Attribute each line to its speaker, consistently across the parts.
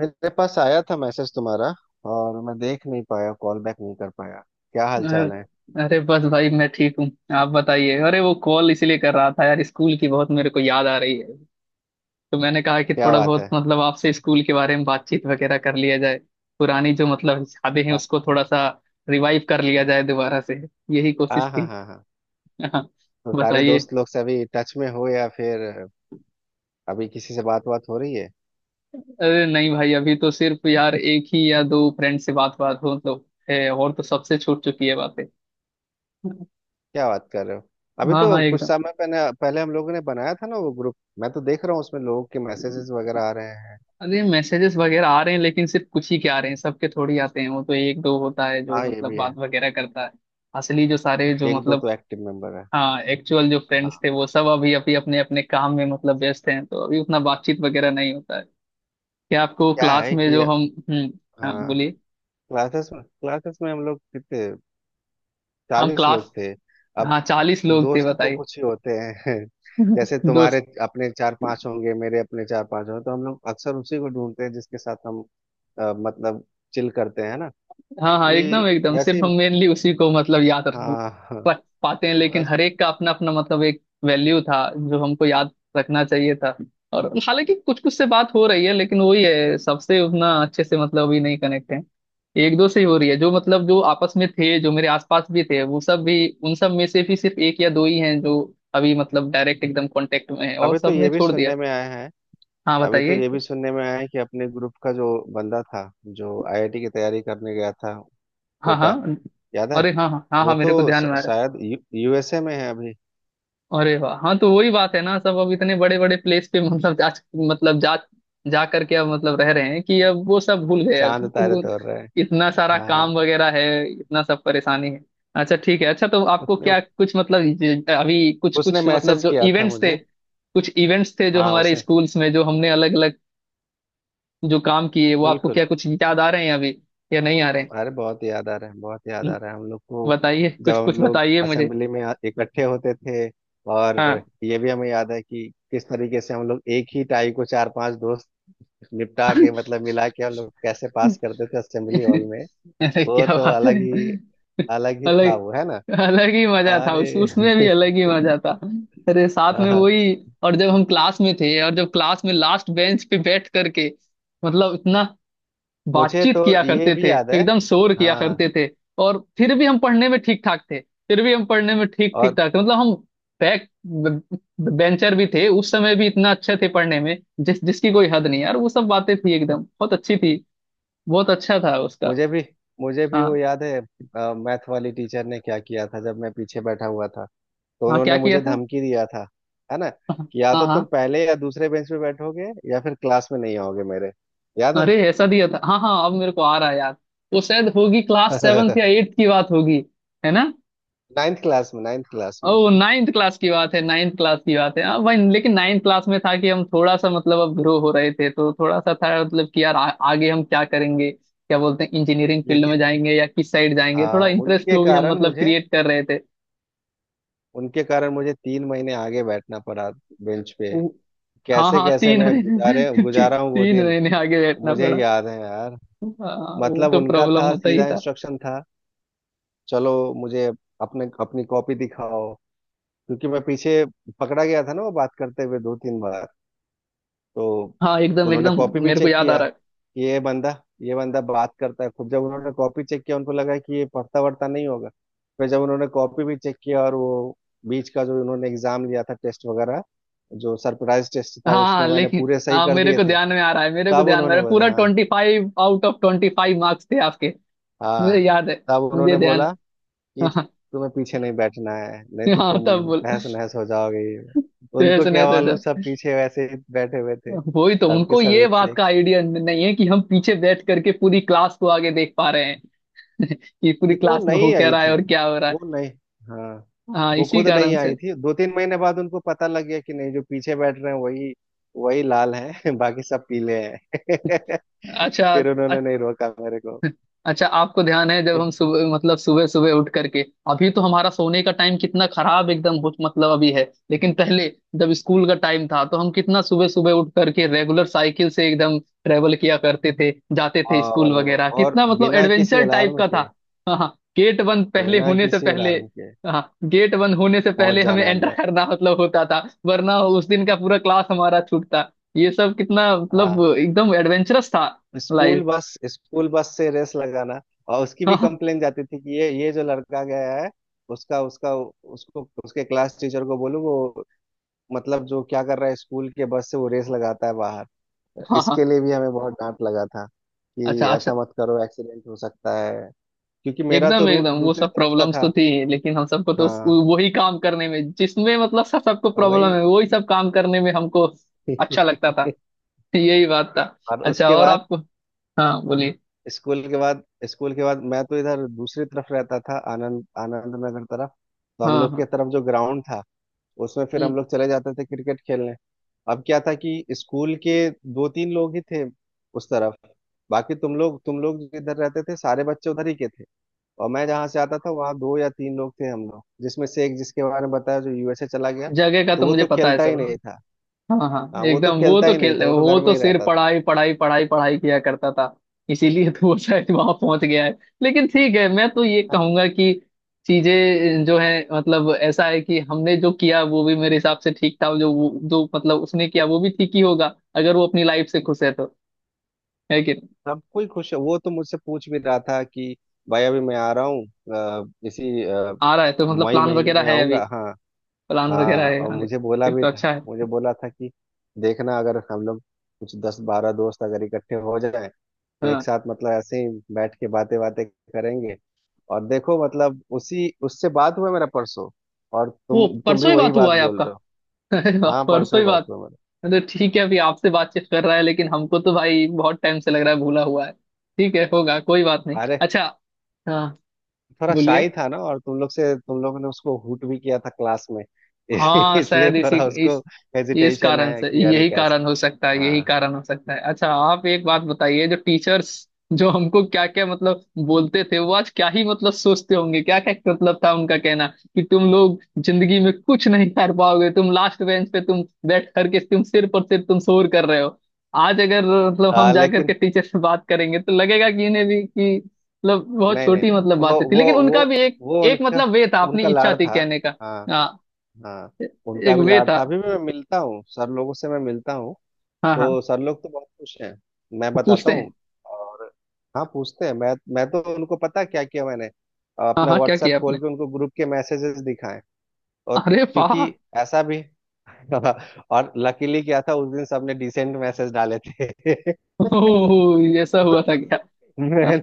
Speaker 1: मेरे पास आया था मैसेज तुम्हारा। और मैं देख नहीं पाया, कॉल बैक नहीं कर पाया। क्या हाल
Speaker 2: अ-
Speaker 1: चाल है?
Speaker 2: अरे बस भाई मैं ठीक हूँ। आप बताइए। अरे वो कॉल इसीलिए कर रहा था यार, स्कूल की बहुत मेरे को याद आ रही है। तो मैंने कहा कि
Speaker 1: क्या
Speaker 2: थोड़ा
Speaker 1: बात
Speaker 2: बहुत
Speaker 1: है?
Speaker 2: मतलब आपसे स्कूल के बारे में बातचीत वगैरह कर लिया जाए। पुरानी जो मतलब यादें हैं
Speaker 1: हाँ
Speaker 2: उसको थोड़ा सा रिवाइव कर लिया जाए दोबारा से। यही कोशिश
Speaker 1: हाँ हाँ
Speaker 2: थी।
Speaker 1: हाँ हाँ।
Speaker 2: हाँ,
Speaker 1: तो सारे
Speaker 2: बताइए।
Speaker 1: दोस्त लोग से अभी टच में हो, या फिर अभी किसी से बात बात हो रही है?
Speaker 2: अरे नहीं भाई, अभी तो सिर्फ यार एक ही या दो फ्रेंड से बात बात हो तो है, और तो सबसे छूट चुकी है बातें।
Speaker 1: क्या बात कर रहे हो! अभी
Speaker 2: हाँ हाँ,
Speaker 1: तो कुछ
Speaker 2: एकदम।
Speaker 1: समय पहले पहले हम लोगों ने बनाया था ना वो ग्रुप, मैं तो देख रहा हूँ उसमें लोगों के मैसेजेस वगैरह आ रहे हैं।
Speaker 2: अरे मैसेजेस वगैरह आ रहे हैं लेकिन सिर्फ कुछ ही के आ रहे हैं, सबके थोड़ी आते हैं। वो तो एक दो होता है जो
Speaker 1: हाँ, ये
Speaker 2: मतलब
Speaker 1: भी है।
Speaker 2: बात वगैरह करता है। असली जो सारे जो
Speaker 1: एक दो
Speaker 2: मतलब।
Speaker 1: तो एक्टिव मेंबर है।
Speaker 2: हाँ, एक्चुअल जो
Speaker 1: हाँ,
Speaker 2: फ्रेंड्स थे वो सब अभी अभी अपने अपने काम में मतलब व्यस्त हैं, तो अभी उतना बातचीत वगैरह नहीं होता है। क्या आपको
Speaker 1: क्या
Speaker 2: क्लास
Speaker 1: है
Speaker 2: में
Speaker 1: कि,
Speaker 2: जो हम। हम्म। हाँ,
Speaker 1: हाँ,
Speaker 2: बोलिए।
Speaker 1: क्लासेस में हम लोग कितने,
Speaker 2: हम
Speaker 1: 40 लोग
Speaker 2: क्लास।
Speaker 1: थे। अब
Speaker 2: हाँ, 40 लोग थे।
Speaker 1: दोस्त तो
Speaker 2: बताइए।
Speaker 1: कुछ ही होते हैं। जैसे तुम्हारे
Speaker 2: दोस्त।
Speaker 1: अपने चार पांच होंगे, मेरे अपने चार पांच होंगे, तो हम लोग अक्सर उसी को ढूंढते हैं जिसके साथ हम मतलब चिल करते हैं ना।
Speaker 2: हाँ हाँ,
Speaker 1: अभी
Speaker 2: एकदम एकदम
Speaker 1: वैसे
Speaker 2: सिर्फ हम
Speaker 1: ही-
Speaker 2: मेनली उसी को मतलब याद रख
Speaker 1: हाँ हाँ।
Speaker 2: रख पाते हैं, लेकिन
Speaker 1: बस।
Speaker 2: हर एक का अपना अपना मतलब एक वैल्यू था जो हमको याद रखना चाहिए था। और हालांकि कुछ कुछ से बात हो रही है लेकिन वही है, सबसे उतना अच्छे से मतलब अभी नहीं कनेक्ट है। एक दो से ही हो रही है, जो मतलब जो आपस में थे, जो मेरे आसपास भी थे, वो सब भी उन सब में से भी सिर्फ एक या दो ही हैं जो अभी मतलब डायरेक्ट एकदम कांटेक्ट में है, और
Speaker 1: अभी तो
Speaker 2: सबने
Speaker 1: ये भी
Speaker 2: छोड़ दिया।
Speaker 1: सुनने में आया है
Speaker 2: हाँ,
Speaker 1: अभी तो
Speaker 2: बताइए।
Speaker 1: ये भी सुनने में आया है कि अपने ग्रुप का जो बंदा था, जो आईआईटी की तैयारी करने गया था,
Speaker 2: हाँ
Speaker 1: कोटा,
Speaker 2: हाँ।
Speaker 1: याद है?
Speaker 2: अरे हाँ हाँ हाँ हाँ,
Speaker 1: वो
Speaker 2: मेरे को
Speaker 1: तो
Speaker 2: ध्यान में आ रहा है।
Speaker 1: शायद यूएसए में है अभी।
Speaker 2: अरे वाह, हाँ तो वही बात है ना, सब अब इतने बड़े बड़े प्लेस पे मतलब जा जा करके अब मतलब रह रहे हैं कि अब वो सब भूल गए। अब
Speaker 1: चांद तारे
Speaker 2: वो
Speaker 1: तोड़ रहे हैं।
Speaker 2: इतना सारा
Speaker 1: हाँ,
Speaker 2: काम वगैरह है, इतना सब परेशानी है। अच्छा ठीक है। अच्छा, तो आपको
Speaker 1: उसने
Speaker 2: क्या कुछ मतलब अभी कुछ
Speaker 1: उसने
Speaker 2: कुछ मतलब
Speaker 1: मैसेज
Speaker 2: जो
Speaker 1: किया था
Speaker 2: इवेंट्स थे
Speaker 1: मुझे।
Speaker 2: कुछ इवेंट्स थे जो
Speaker 1: हाँ,
Speaker 2: हमारे
Speaker 1: उसने।
Speaker 2: स्कूल्स में जो हमने अलग अलग जो काम किए, वो आपको
Speaker 1: बिल्कुल।
Speaker 2: क्या कुछ याद आ रहे हैं अभी, या नहीं आ रहे हैं?
Speaker 1: अरे बहुत याद आ रहा है, बहुत याद
Speaker 2: हम्म,
Speaker 1: आ रहा है हम लोग को।
Speaker 2: बताइए
Speaker 1: जब
Speaker 2: कुछ कुछ
Speaker 1: हम लोग
Speaker 2: बताइए मुझे।
Speaker 1: असेंबली में इकट्ठे होते थे, और
Speaker 2: हाँ।
Speaker 1: ये भी हमें याद है कि किस तरीके से हम लोग एक ही टाई को चार पांच दोस्त निपटा के, मतलब मिला के, हम लोग कैसे पास करते थे असेंबली हॉल में।
Speaker 2: अरे
Speaker 1: वो
Speaker 2: क्या
Speaker 1: तो
Speaker 2: बात है।
Speaker 1: अलग ही, अलग ही था
Speaker 2: अलग
Speaker 1: वो, है ना?
Speaker 2: अलग ही मजा था उस
Speaker 1: अरे
Speaker 2: उसमें भी अलग ही मजा था। अरे साथ
Speaker 1: हाँ
Speaker 2: में
Speaker 1: हाँ।
Speaker 2: वही। और जब हम क्लास में थे और जब क्लास में लास्ट बेंच पे बैठ करके मतलब इतना
Speaker 1: मुझे
Speaker 2: बातचीत
Speaker 1: तो
Speaker 2: किया
Speaker 1: ये
Speaker 2: करते थे,
Speaker 1: भी याद है।
Speaker 2: एकदम शोर किया
Speaker 1: हाँ।
Speaker 2: करते थे, और फिर भी हम पढ़ने में ठीक ठाक थे। फिर भी हम पढ़ने में ठीक ठीक
Speaker 1: और
Speaker 2: ठाक थे, मतलब हम बैक बेंचर भी थे उस समय भी, इतना अच्छे थे पढ़ने में। जिस जिसकी कोई हद नहीं यार, वो सब बातें थी एकदम बहुत अच्छी थी। बहुत अच्छा था उसका।
Speaker 1: मुझे भी मुझे भी वो
Speaker 2: हाँ।
Speaker 1: याद है। मैथ वाली टीचर ने क्या किया था, जब मैं पीछे बैठा हुआ था, तो
Speaker 2: हाँ, क्या
Speaker 1: उन्होंने
Speaker 2: किया
Speaker 1: मुझे
Speaker 2: था?
Speaker 1: धमकी दिया था, है ना,
Speaker 2: हाँ
Speaker 1: कि या तो तुम
Speaker 2: हाँ।
Speaker 1: पहले या दूसरे बेंच पे बैठोगे या फिर क्लास में नहीं आओगे मेरे। याद है?
Speaker 2: अरे ऐसा दिया था। हाँ हाँ, अब मेरे को आ रहा है यार। वो शायद होगी क्लास सेवन्थ या एट्थ की बात होगी, है ना?
Speaker 1: नाइन्थ क्लास में, नाइन्थ क्लास में।
Speaker 2: ओ नाइन्थ क्लास की बात है, नाइन्थ क्लास की बात है। हाँ भाई, लेकिन नाइन्थ क्लास में था कि हम थोड़ा सा मतलब अब ग्रो हो रहे थे, तो थोड़ा सा था मतलब कि यार आगे हम क्या करेंगे, क्या बोलते हैं, इंजीनियरिंग फील्ड में
Speaker 1: लेकिन
Speaker 2: जाएंगे या किस साइड जाएंगे, थोड़ा
Speaker 1: हाँ,
Speaker 2: इंटरेस्ट
Speaker 1: उनके
Speaker 2: को भी हम
Speaker 1: कारण
Speaker 2: मतलब
Speaker 1: मुझे
Speaker 2: क्रिएट कर रहे थे।
Speaker 1: उनके कारण मुझे 3 महीने आगे बैठना पड़ा बेंच पे।
Speaker 2: वो- हाँ
Speaker 1: कैसे
Speaker 2: हाँ,
Speaker 1: कैसे
Speaker 2: 3
Speaker 1: मैं गुजारे
Speaker 2: महीने।
Speaker 1: गुजारा हूँ वो
Speaker 2: 3
Speaker 1: दिन,
Speaker 2: महीने आगे बैठना
Speaker 1: मुझे
Speaker 2: पड़ा।
Speaker 1: याद है यार।
Speaker 2: हाँ, वो
Speaker 1: मतलब
Speaker 2: तो
Speaker 1: उनका
Speaker 2: प्रॉब्लम
Speaker 1: था,
Speaker 2: होता ही।
Speaker 1: सीधा इंस्ट्रक्शन था, चलो, मुझे अपने अपनी कॉपी दिखाओ। क्योंकि मैं पीछे पकड़ा गया था ना वो बात करते हुए, 2-3 बार। तो
Speaker 2: हाँ, एकदम
Speaker 1: उन्होंने
Speaker 2: एकदम
Speaker 1: कॉपी भी
Speaker 2: मेरे को
Speaker 1: चेक
Speaker 2: याद आ
Speaker 1: किया
Speaker 2: रहा है।
Speaker 1: कि ये बंदा, ये बंदा बात करता है खुद। जब उन्होंने कॉपी चेक किया, उनको लगा कि ये पढ़ता वढ़ता नहीं होगा। फिर जब उन्होंने कॉपी भी चेक किया, और वो बीच का जो उन्होंने एग्जाम लिया था, टेस्ट वगैरह, जो सरप्राइज टेस्ट
Speaker 2: हाँ
Speaker 1: था,
Speaker 2: हाँ,
Speaker 1: उसमें मैंने
Speaker 2: लेकिन
Speaker 1: पूरे सही
Speaker 2: हाँ,
Speaker 1: कर
Speaker 2: मेरे
Speaker 1: दिए
Speaker 2: को
Speaker 1: थे।
Speaker 2: ध्यान में आ रहा है, मेरे को
Speaker 1: तब
Speaker 2: ध्यान में आ
Speaker 1: उन्होंने
Speaker 2: रहा है।
Speaker 1: बोला
Speaker 2: पूरा
Speaker 1: हाँ,
Speaker 2: 25 आउट ऑफ 25 मार्क्स थे आपके। मुझे
Speaker 1: हाँ।
Speaker 2: याद है,
Speaker 1: तब उन्होंने
Speaker 2: मुझे ध्यान।
Speaker 1: बोला कि
Speaker 2: हाँ।
Speaker 1: तुम्हें पीछे नहीं बैठना है, नहीं तो
Speaker 2: हाँ, तब
Speaker 1: तुम
Speaker 2: बोल,
Speaker 1: तहस नहस हो जाओगे ये वो।
Speaker 2: तो
Speaker 1: उनको
Speaker 2: ऐसे नहीं
Speaker 1: क्या
Speaker 2: तो
Speaker 1: मालूम, सब
Speaker 2: ऐसा।
Speaker 1: पीछे वैसे ही बैठे हुए थे,
Speaker 2: वही तो,
Speaker 1: सबके
Speaker 2: उनको
Speaker 1: सब
Speaker 2: ये
Speaker 1: एक से
Speaker 2: बात
Speaker 1: एक
Speaker 2: का
Speaker 1: शेर।
Speaker 2: आइडिया नहीं है कि हम पीछे बैठ करके पूरी क्लास को आगे देख पा रहे हैं। कि पूरी
Speaker 1: क्योंकि वो
Speaker 2: क्लास में हो
Speaker 1: नई
Speaker 2: क्या
Speaker 1: आई
Speaker 2: रहा है
Speaker 1: थी।
Speaker 2: और क्या हो रहा
Speaker 1: वो
Speaker 2: है।
Speaker 1: नहीं हाँ,
Speaker 2: हाँ,
Speaker 1: वो
Speaker 2: इसी
Speaker 1: खुद नहीं
Speaker 2: कारण से।
Speaker 1: आई थी। 2-3 महीने बाद उनको पता लग गया कि नहीं, जो पीछे बैठ रहे हैं वही वही लाल हैं। बाकी सब पीले हैं।
Speaker 2: अच्छा।
Speaker 1: फिर उन्होंने नहीं रोका मेरे को।
Speaker 2: अच्छा, आपको ध्यान है जब
Speaker 1: फिर-
Speaker 2: हम सुबह मतलब सुबह सुबह उठ करके, अभी तो हमारा सोने का टाइम कितना खराब एकदम मतलब अभी है। लेकिन पहले, जब स्कूल का टाइम था, तो हम कितना सुबह सुबह उठ करके रेगुलर साइकिल से एकदम ट्रेवल किया करते थे, जाते थे
Speaker 1: हाँ,
Speaker 2: स्कूल
Speaker 1: और वो,
Speaker 2: वगैरह,
Speaker 1: और
Speaker 2: कितना मतलब
Speaker 1: बिना किसी
Speaker 2: एडवेंचर टाइप
Speaker 1: अलार्म
Speaker 2: का था।
Speaker 1: के
Speaker 2: हाँ, गेट बंद पहले
Speaker 1: बिना
Speaker 2: होने से
Speaker 1: किसी
Speaker 2: पहले।
Speaker 1: अलार्म के
Speaker 2: हाँ, गेट बंद होने से
Speaker 1: पहुंच
Speaker 2: पहले हमें
Speaker 1: जाना
Speaker 2: एंटर
Speaker 1: अंदर।
Speaker 2: करना मतलब होता था, वरना उस दिन का पूरा क्लास हमारा छूटता। ये सब कितना मतलब
Speaker 1: हाँ।
Speaker 2: एकदम एडवेंचरस था लाइफ।
Speaker 1: स्कूल बस से रेस लगाना। और उसकी
Speaker 2: हाँ
Speaker 1: भी
Speaker 2: हाँ
Speaker 1: कंप्लेन जाती थी कि ये जो लड़का गया है, उसका उसका उसको उसके क्लास टीचर को बोलो वो, मतलब जो क्या कर रहा है, स्कूल के बस से वो रेस लगाता है बाहर।
Speaker 2: हाँ,
Speaker 1: इसके
Speaker 2: हाँ।
Speaker 1: लिए भी हमें बहुत डांट लगा था,
Speaker 2: अच्छा
Speaker 1: कि
Speaker 2: अच्छा,
Speaker 1: ऐसा मत करो, एक्सीडेंट हो सकता है। क्योंकि मेरा तो
Speaker 2: एकदम
Speaker 1: रूट
Speaker 2: एकदम वो
Speaker 1: दूसरी
Speaker 2: सब
Speaker 1: तरफ का
Speaker 2: प्रॉब्लम्स
Speaker 1: था।
Speaker 2: तो थी, लेकिन हम सबको तो
Speaker 1: हाँ,
Speaker 2: वही काम करने में, जिसमें मतलब सब सबको
Speaker 1: तो वही।
Speaker 2: प्रॉब्लम है, वही सब काम करने में हमको अच्छा लगता था। यही बात था।
Speaker 1: और
Speaker 2: अच्छा,
Speaker 1: उसके
Speaker 2: और
Speaker 1: बाद,
Speaker 2: आपको। हाँ, बोलिए।
Speaker 1: स्कूल के बाद स्कूल के बाद मैं तो इधर दूसरी तरफ रहता था, आनंद आनंद नगर तरफ। तो हम
Speaker 2: हाँ
Speaker 1: लोग के
Speaker 2: हाँ।
Speaker 1: तरफ जो ग्राउंड था, उसमें फिर
Speaker 2: हम्म,
Speaker 1: हम लोग चले जाते थे क्रिकेट खेलने। अब क्या था कि स्कूल के दो तीन लोग ही थे उस तरफ। बाकी तुम लोग जिधर रहते थे सारे बच्चे उधर ही के थे। और मैं जहाँ से आता था वहाँ दो या तीन लोग थे हम लोग, जिसमें से एक, जिसके बारे में बताया, जो यूएसए चला गया।
Speaker 2: जगह का
Speaker 1: तो
Speaker 2: तो
Speaker 1: वो
Speaker 2: मुझे
Speaker 1: तो
Speaker 2: पता है
Speaker 1: खेलता ही
Speaker 2: सब।
Speaker 1: नहीं
Speaker 2: हाँ।
Speaker 1: था।
Speaker 2: हाँ हाँ,
Speaker 1: हाँ, वो तो
Speaker 2: एकदम
Speaker 1: खेलता ही नहीं था, वो तो
Speaker 2: वो
Speaker 1: घर में
Speaker 2: तो
Speaker 1: ही
Speaker 2: सिर्फ
Speaker 1: रहता था।
Speaker 2: पढ़ाई पढ़ाई पढ़ाई पढ़ाई किया करता था। इसीलिए तो वो शायद वहां पहुंच गया है। लेकिन ठीक है, मैं तो ये कहूंगा कि चीजें जो है मतलब ऐसा है कि हमने जो किया वो भी मेरे हिसाब से ठीक था, जो जो मतलब उसने किया वो भी ठीक ही होगा, अगर वो अपनी लाइफ से खुश है तो। है कि नहीं?
Speaker 1: सब कोई खुश है। वो तो मुझसे पूछ भी रहा था कि, भाई अभी मैं आ रहा हूँ, अ, इसी अ,
Speaker 2: आ रहा है तो मतलब
Speaker 1: मई
Speaker 2: प्लान
Speaker 1: महीने
Speaker 2: वगैरह
Speaker 1: में
Speaker 2: है अभी?
Speaker 1: आऊंगा। हाँ।
Speaker 2: प्लान वगैरह
Speaker 1: हाँ,
Speaker 2: है
Speaker 1: और
Speaker 2: आने-? फिर तो अच्छा
Speaker 1: मुझे
Speaker 2: है।
Speaker 1: बोला था कि, देखना, अगर हम लोग कुछ 10-12 दोस्त अगर इकट्ठे हो जाए, तो एक
Speaker 2: हाँ,
Speaker 1: साथ मतलब ऐसे ही बैठ के बातें बातें करेंगे। और देखो मतलब उसी उससे बात हुआ मेरा परसों, और
Speaker 2: वो
Speaker 1: तुम भी
Speaker 2: परसों ही
Speaker 1: वही
Speaker 2: बात
Speaker 1: बात
Speaker 2: हुआ है
Speaker 1: बोल
Speaker 2: आपका?
Speaker 1: रहे हो। हाँ, परसों
Speaker 2: परसों
Speaker 1: ही
Speaker 2: ही
Speaker 1: बात
Speaker 2: बात।
Speaker 1: हुआ मेरा।
Speaker 2: मतलब ठीक है, अभी आपसे बातचीत कर रहा है, लेकिन हमको तो भाई बहुत टाइम से लग रहा है भूला हुआ है। ठीक है, होगा, कोई बात नहीं।
Speaker 1: अरे
Speaker 2: अच्छा। हाँ,
Speaker 1: थोड़ा शाही
Speaker 2: बोलिए।
Speaker 1: था ना, और तुम लोगों ने उसको हूट भी किया था क्लास में।
Speaker 2: हाँ
Speaker 1: इसलिए
Speaker 2: शायद इसी
Speaker 1: थोड़ा उसको
Speaker 2: इस इस
Speaker 1: हेजिटेशन
Speaker 2: कारण
Speaker 1: है
Speaker 2: से,
Speaker 1: कि अरे
Speaker 2: यही
Speaker 1: कैसे।
Speaker 2: कारण हो सकता है, यही
Speaker 1: हाँ।
Speaker 2: कारण हो सकता है। अच्छा, आप एक बात बताइए, जो टीचर्स जो हमको क्या क्या मतलब बोलते थे, वो आज क्या ही मतलब सोचते होंगे, क्या क्या मतलब था उनका कहना, कि तुम लोग जिंदगी में कुछ नहीं कर पाओगे, तुम लास्ट बेंच पे तुम बैठ करके तुम सिर पर सिर तुम शोर कर रहे हो। आज अगर मतलब हम जाकर के
Speaker 1: लेकिन
Speaker 2: टीचर से बात करेंगे, तो लगेगा कि इन्हें भी कि मतलब बहुत
Speaker 1: नहीं नहीं,
Speaker 2: छोटी मतलब
Speaker 1: वो
Speaker 2: बातें थी,
Speaker 1: वो
Speaker 2: लेकिन
Speaker 1: वो
Speaker 2: उनका भी एक
Speaker 1: वो
Speaker 2: एक
Speaker 1: उनका
Speaker 2: मतलब वे था, अपनी
Speaker 1: उनका
Speaker 2: इच्छा
Speaker 1: लाड़
Speaker 2: थी
Speaker 1: था।
Speaker 2: कहने का।
Speaker 1: हाँ
Speaker 2: हाँ,
Speaker 1: हाँ। उनका
Speaker 2: एक
Speaker 1: भी
Speaker 2: वे
Speaker 1: लाड़
Speaker 2: था।
Speaker 1: था। अभी भी मैं मिलता हूँ सर लोगों से, मैं मिलता हूँ।
Speaker 2: हाँ
Speaker 1: तो
Speaker 2: हाँ।
Speaker 1: सर लोग तो बहुत खुश हैं। मैं
Speaker 2: वो
Speaker 1: बताता
Speaker 2: पूछते
Speaker 1: हूँ।
Speaker 2: हैं?
Speaker 1: और हाँ, पूछते हैं। मैं तो उनको पता है क्या किया मैंने,
Speaker 2: हाँ
Speaker 1: अपना
Speaker 2: हाँ, क्या
Speaker 1: व्हाट्सएप
Speaker 2: किया आपने?
Speaker 1: खोल के उनको ग्रुप के मैसेजेस दिखाए। और,
Speaker 2: अरे वाह!
Speaker 1: क्योंकि ऐसा भी और लकीली क्या था, उस दिन सबने डिसेंट मैसेज डाले थे।
Speaker 2: ओह, ये ऐसा हुआ था क्या? हाँ।
Speaker 1: मैंने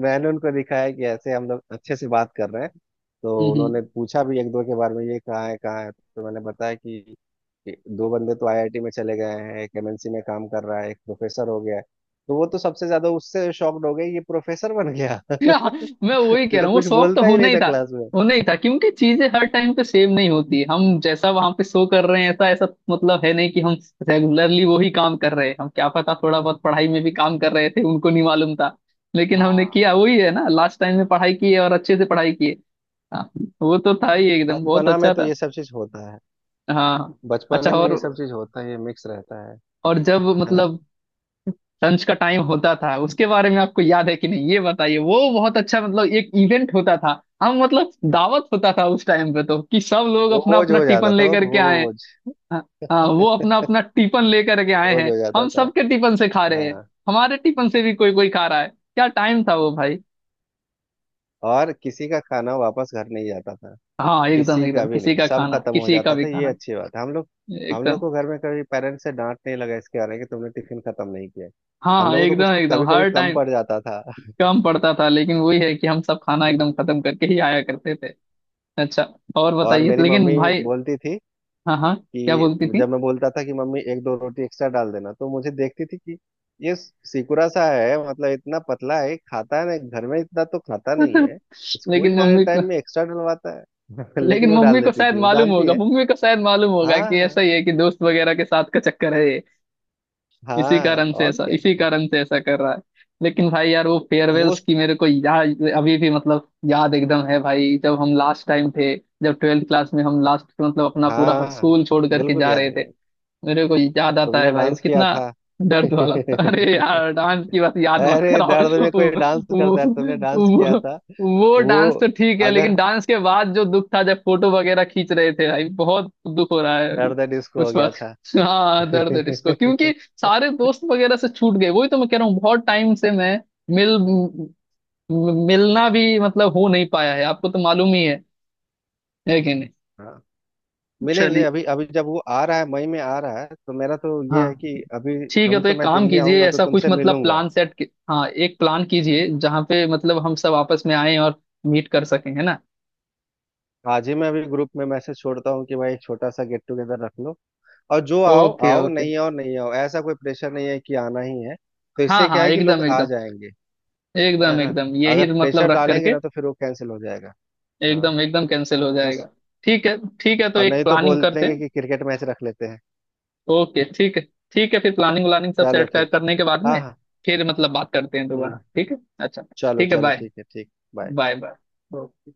Speaker 1: मैंने उनको दिखाया कि ऐसे हम लोग अच्छे से बात कर रहे हैं।
Speaker 2: हम्म
Speaker 1: तो उन्होंने
Speaker 2: हम्म।
Speaker 1: पूछा भी एक दो के बारे में, ये कहाँ है, कहाँ है। तो मैंने बताया कि दो बंदे तो आईआईटी में चले गए हैं, एक एमएनसी में काम कर रहा है, एक प्रोफेसर हो गया है। तो वो तो सबसे ज्यादा उससे शॉक्ड हो गए, ये प्रोफेसर बन गया।
Speaker 2: हाँ, मैं वही कह रहा
Speaker 1: जो
Speaker 2: हूँ, वो
Speaker 1: कुछ
Speaker 2: शौक तो
Speaker 1: बोलता ही
Speaker 2: होना
Speaker 1: नहीं
Speaker 2: ही
Speaker 1: था
Speaker 2: था।
Speaker 1: क्लास में।
Speaker 2: होना ही था, क्योंकि चीजें हर टाइम पे सेम नहीं होती, हम जैसा वहां पे शो कर रहे हैं ऐसा ऐसा मतलब है नहीं कि हम रेगुलरली वही काम कर रहे हैं। हम क्या पता, थोड़ा बहुत पढ़ाई में भी काम कर रहे थे, उनको नहीं मालूम था। लेकिन हमने
Speaker 1: हाँ,
Speaker 2: किया वही है ना, लास्ट टाइम में पढ़ाई की है, और अच्छे से पढ़ाई की है। हाँ, वो तो था ही, एकदम बहुत
Speaker 1: बचपना में
Speaker 2: अच्छा
Speaker 1: तो
Speaker 2: था।
Speaker 1: ये सब चीज होता है,
Speaker 2: हाँ हाँ। अच्छा,
Speaker 1: बचपने में
Speaker 2: और
Speaker 1: ये सब चीज होता है, ये मिक्स रहता है।
Speaker 2: और जब
Speaker 1: है ना?
Speaker 2: मतलब लंच का टाइम होता था, उसके बारे में आपको याद है कि नहीं ये बताइए। वो बहुत अच्छा मतलब एक इवेंट होता था, हम मतलब दावत होता था उस टाइम पे तो, कि सब लोग अपना
Speaker 1: बोझ
Speaker 2: अपना
Speaker 1: हो
Speaker 2: टिफिन
Speaker 1: जाता था वो,
Speaker 2: लेकर के आए।
Speaker 1: बोझ।
Speaker 2: हाँ हाँ, वो अपना अपना टिफिन लेकर के आए
Speaker 1: बोझ
Speaker 2: हैं,
Speaker 1: हो जाता
Speaker 2: हम
Speaker 1: था।
Speaker 2: सबके टिफिन से खा रहे हैं,
Speaker 1: हाँ,
Speaker 2: हमारे टिफिन से भी कोई कोई खा रहा है, क्या टाइम था वो भाई।
Speaker 1: और किसी का खाना वापस घर नहीं जाता था।
Speaker 2: हाँ, एकदम
Speaker 1: किसी का
Speaker 2: एकदम,
Speaker 1: भी
Speaker 2: किसी
Speaker 1: नहीं,
Speaker 2: का
Speaker 1: सब
Speaker 2: खाना,
Speaker 1: खत्म हो
Speaker 2: किसी का
Speaker 1: जाता
Speaker 2: भी
Speaker 1: था। ये
Speaker 2: खाना
Speaker 1: अच्छी बात है। हम लोग
Speaker 2: एकदम।
Speaker 1: को घर में कभी पेरेंट्स से डांट नहीं लगा इसके आने कि तुमने टिफिन खत्म नहीं किया।
Speaker 2: हाँ
Speaker 1: हम
Speaker 2: हाँ,
Speaker 1: लोगों को तो कुछ
Speaker 2: एकदम एकदम
Speaker 1: कभी कभी
Speaker 2: हर
Speaker 1: कम
Speaker 2: टाइम।
Speaker 1: पड़ जाता था।
Speaker 2: कम पड़ता था, लेकिन वही है कि हम सब खाना एकदम खत्म करके ही आया करते थे। अच्छा, और
Speaker 1: और
Speaker 2: बताइए
Speaker 1: मेरी
Speaker 2: लेकिन
Speaker 1: मम्मी
Speaker 2: भाई।
Speaker 1: बोलती थी
Speaker 2: हाँ हाँ, क्या
Speaker 1: कि,
Speaker 2: बोलती थी?
Speaker 1: जब मैं बोलता था कि, मम्मी एक दो रोटी एक्स्ट्रा डाल देना, तो मुझे देखती थी कि ये सिकुड़ा सा है, मतलब इतना पतला है, खाता है ना घर में इतना तो, खाता नहीं है स्कूल
Speaker 2: लेकिन
Speaker 1: जाने
Speaker 2: मम्मी को
Speaker 1: टाइम में एक्स्ट्रा डलवाता है। लेकिन
Speaker 2: लेकिन
Speaker 1: वो
Speaker 2: मम्मी
Speaker 1: डाल
Speaker 2: को
Speaker 1: देती
Speaker 2: शायद
Speaker 1: थी, वो
Speaker 2: मालूम
Speaker 1: जानती
Speaker 2: होगा,
Speaker 1: है।
Speaker 2: मम्मी को शायद मालूम होगा,
Speaker 1: हाँ
Speaker 2: कि ऐसा
Speaker 1: हाँ।
Speaker 2: ही है, कि दोस्त वगैरह के साथ का चक्कर है ये। इसी
Speaker 1: हाँ,
Speaker 2: कारण से
Speaker 1: और
Speaker 2: ऐसा,
Speaker 1: क्या।
Speaker 2: इसी कारण से ऐसा कर रहा है। लेकिन भाई यार, वो
Speaker 1: वो,
Speaker 2: फेयरवेल्स की मेरे को याद अभी भी मतलब, याद एकदम है भाई, जब हम लास्ट टाइम थे, जब 12th क्लास में हम लास्ट मतलब अपना पूरा
Speaker 1: हाँ,
Speaker 2: स्कूल छोड़ करके
Speaker 1: बिल्कुल
Speaker 2: जा
Speaker 1: याद
Speaker 2: रहे
Speaker 1: है
Speaker 2: थे।
Speaker 1: यार।
Speaker 2: मेरे को याद आता है
Speaker 1: तुमने
Speaker 2: भाई, वो
Speaker 1: डांस किया
Speaker 2: कितना
Speaker 1: था।
Speaker 2: दर्द वाला था। अरे यार, डांस की बात याद मत
Speaker 1: अरे
Speaker 2: कराओ।
Speaker 1: दर्द में कोई डांस
Speaker 2: वो,
Speaker 1: करता है, तुमने डांस किया
Speaker 2: वो,
Speaker 1: था।
Speaker 2: वो
Speaker 1: वो,
Speaker 2: डांस तो ठीक है, लेकिन
Speaker 1: अगर,
Speaker 2: डांस के बाद जो दुख था, जब फोटो वगैरह खींच रहे थे, भाई बहुत दुख हो रहा है अभी,
Speaker 1: दर्द डिस्को हो
Speaker 2: उस
Speaker 1: गया
Speaker 2: वक्त।
Speaker 1: था।
Speaker 2: हाँ, दर्द है इसको, क्योंकि सारे दोस्त वगैरह से छूट गए। वही तो मैं कह रहा हूँ, बहुत टाइम से मैं मिल मिलना भी मतलब हो नहीं पाया है। आपको तो मालूम ही है कि नहीं?
Speaker 1: हाँ, मिलेंगे।
Speaker 2: चलिए,
Speaker 1: अभी, अभी जब वो आ रहा है, मई में आ रहा है, तो मेरा तो ये है
Speaker 2: हाँ
Speaker 1: कि, अभी,
Speaker 2: ठीक है।
Speaker 1: अभी
Speaker 2: तो
Speaker 1: तो
Speaker 2: एक
Speaker 1: मैं
Speaker 2: काम
Speaker 1: दिल्ली
Speaker 2: कीजिए,
Speaker 1: आऊंगा तो
Speaker 2: ऐसा कुछ
Speaker 1: तुमसे
Speaker 2: मतलब
Speaker 1: मिलूंगा।
Speaker 2: प्लान सेट हाँ एक प्लान कीजिए, जहाँ पे मतलब हम सब आपस में आए और मीट कर सकें, है ना?
Speaker 1: आज ही मैं अभी ग्रुप में मैसेज छोड़ता हूँ कि भाई एक छोटा सा गेट टुगेदर रख लो। और जो आओ
Speaker 2: ओके
Speaker 1: आओ,
Speaker 2: ओके।
Speaker 1: नहीं आओ नहीं आओ, ऐसा कोई प्रेशर नहीं है कि आना ही है। तो
Speaker 2: हाँ
Speaker 1: इससे क्या
Speaker 2: हाँ,
Speaker 1: है कि लोग
Speaker 2: एकदम
Speaker 1: आ
Speaker 2: एकदम,
Speaker 1: जाएंगे। है
Speaker 2: एकदम
Speaker 1: ना,
Speaker 2: एकदम यही
Speaker 1: अगर प्रेशर
Speaker 2: मतलब रख
Speaker 1: डालेंगे
Speaker 2: करके।
Speaker 1: ना तो फिर वो कैंसिल हो जाएगा। हाँ।
Speaker 2: एकदम एकदम कैंसिल हो
Speaker 1: बस।
Speaker 2: जाएगा। ठीक है ठीक है, तो
Speaker 1: और
Speaker 2: एक
Speaker 1: नहीं तो
Speaker 2: प्लानिंग
Speaker 1: बोल
Speaker 2: करते
Speaker 1: देंगे
Speaker 2: हैं।
Speaker 1: कि क्रिकेट मैच रख लेते हैं।
Speaker 2: ओके, ठीक है। ठीक है, फिर प्लानिंग व्लानिंग सब
Speaker 1: चलो
Speaker 2: सेट
Speaker 1: ठीक।
Speaker 2: करने के बाद
Speaker 1: हाँ
Speaker 2: में,
Speaker 1: हाँ।
Speaker 2: फिर मतलब बात करते हैं दोबारा,
Speaker 1: हम्म।
Speaker 2: ठीक है? अच्छा
Speaker 1: चलो
Speaker 2: ठीक है,
Speaker 1: चलो,
Speaker 2: बाय।
Speaker 1: ठीक है, ठीक, बाय।
Speaker 2: बाय। बाय।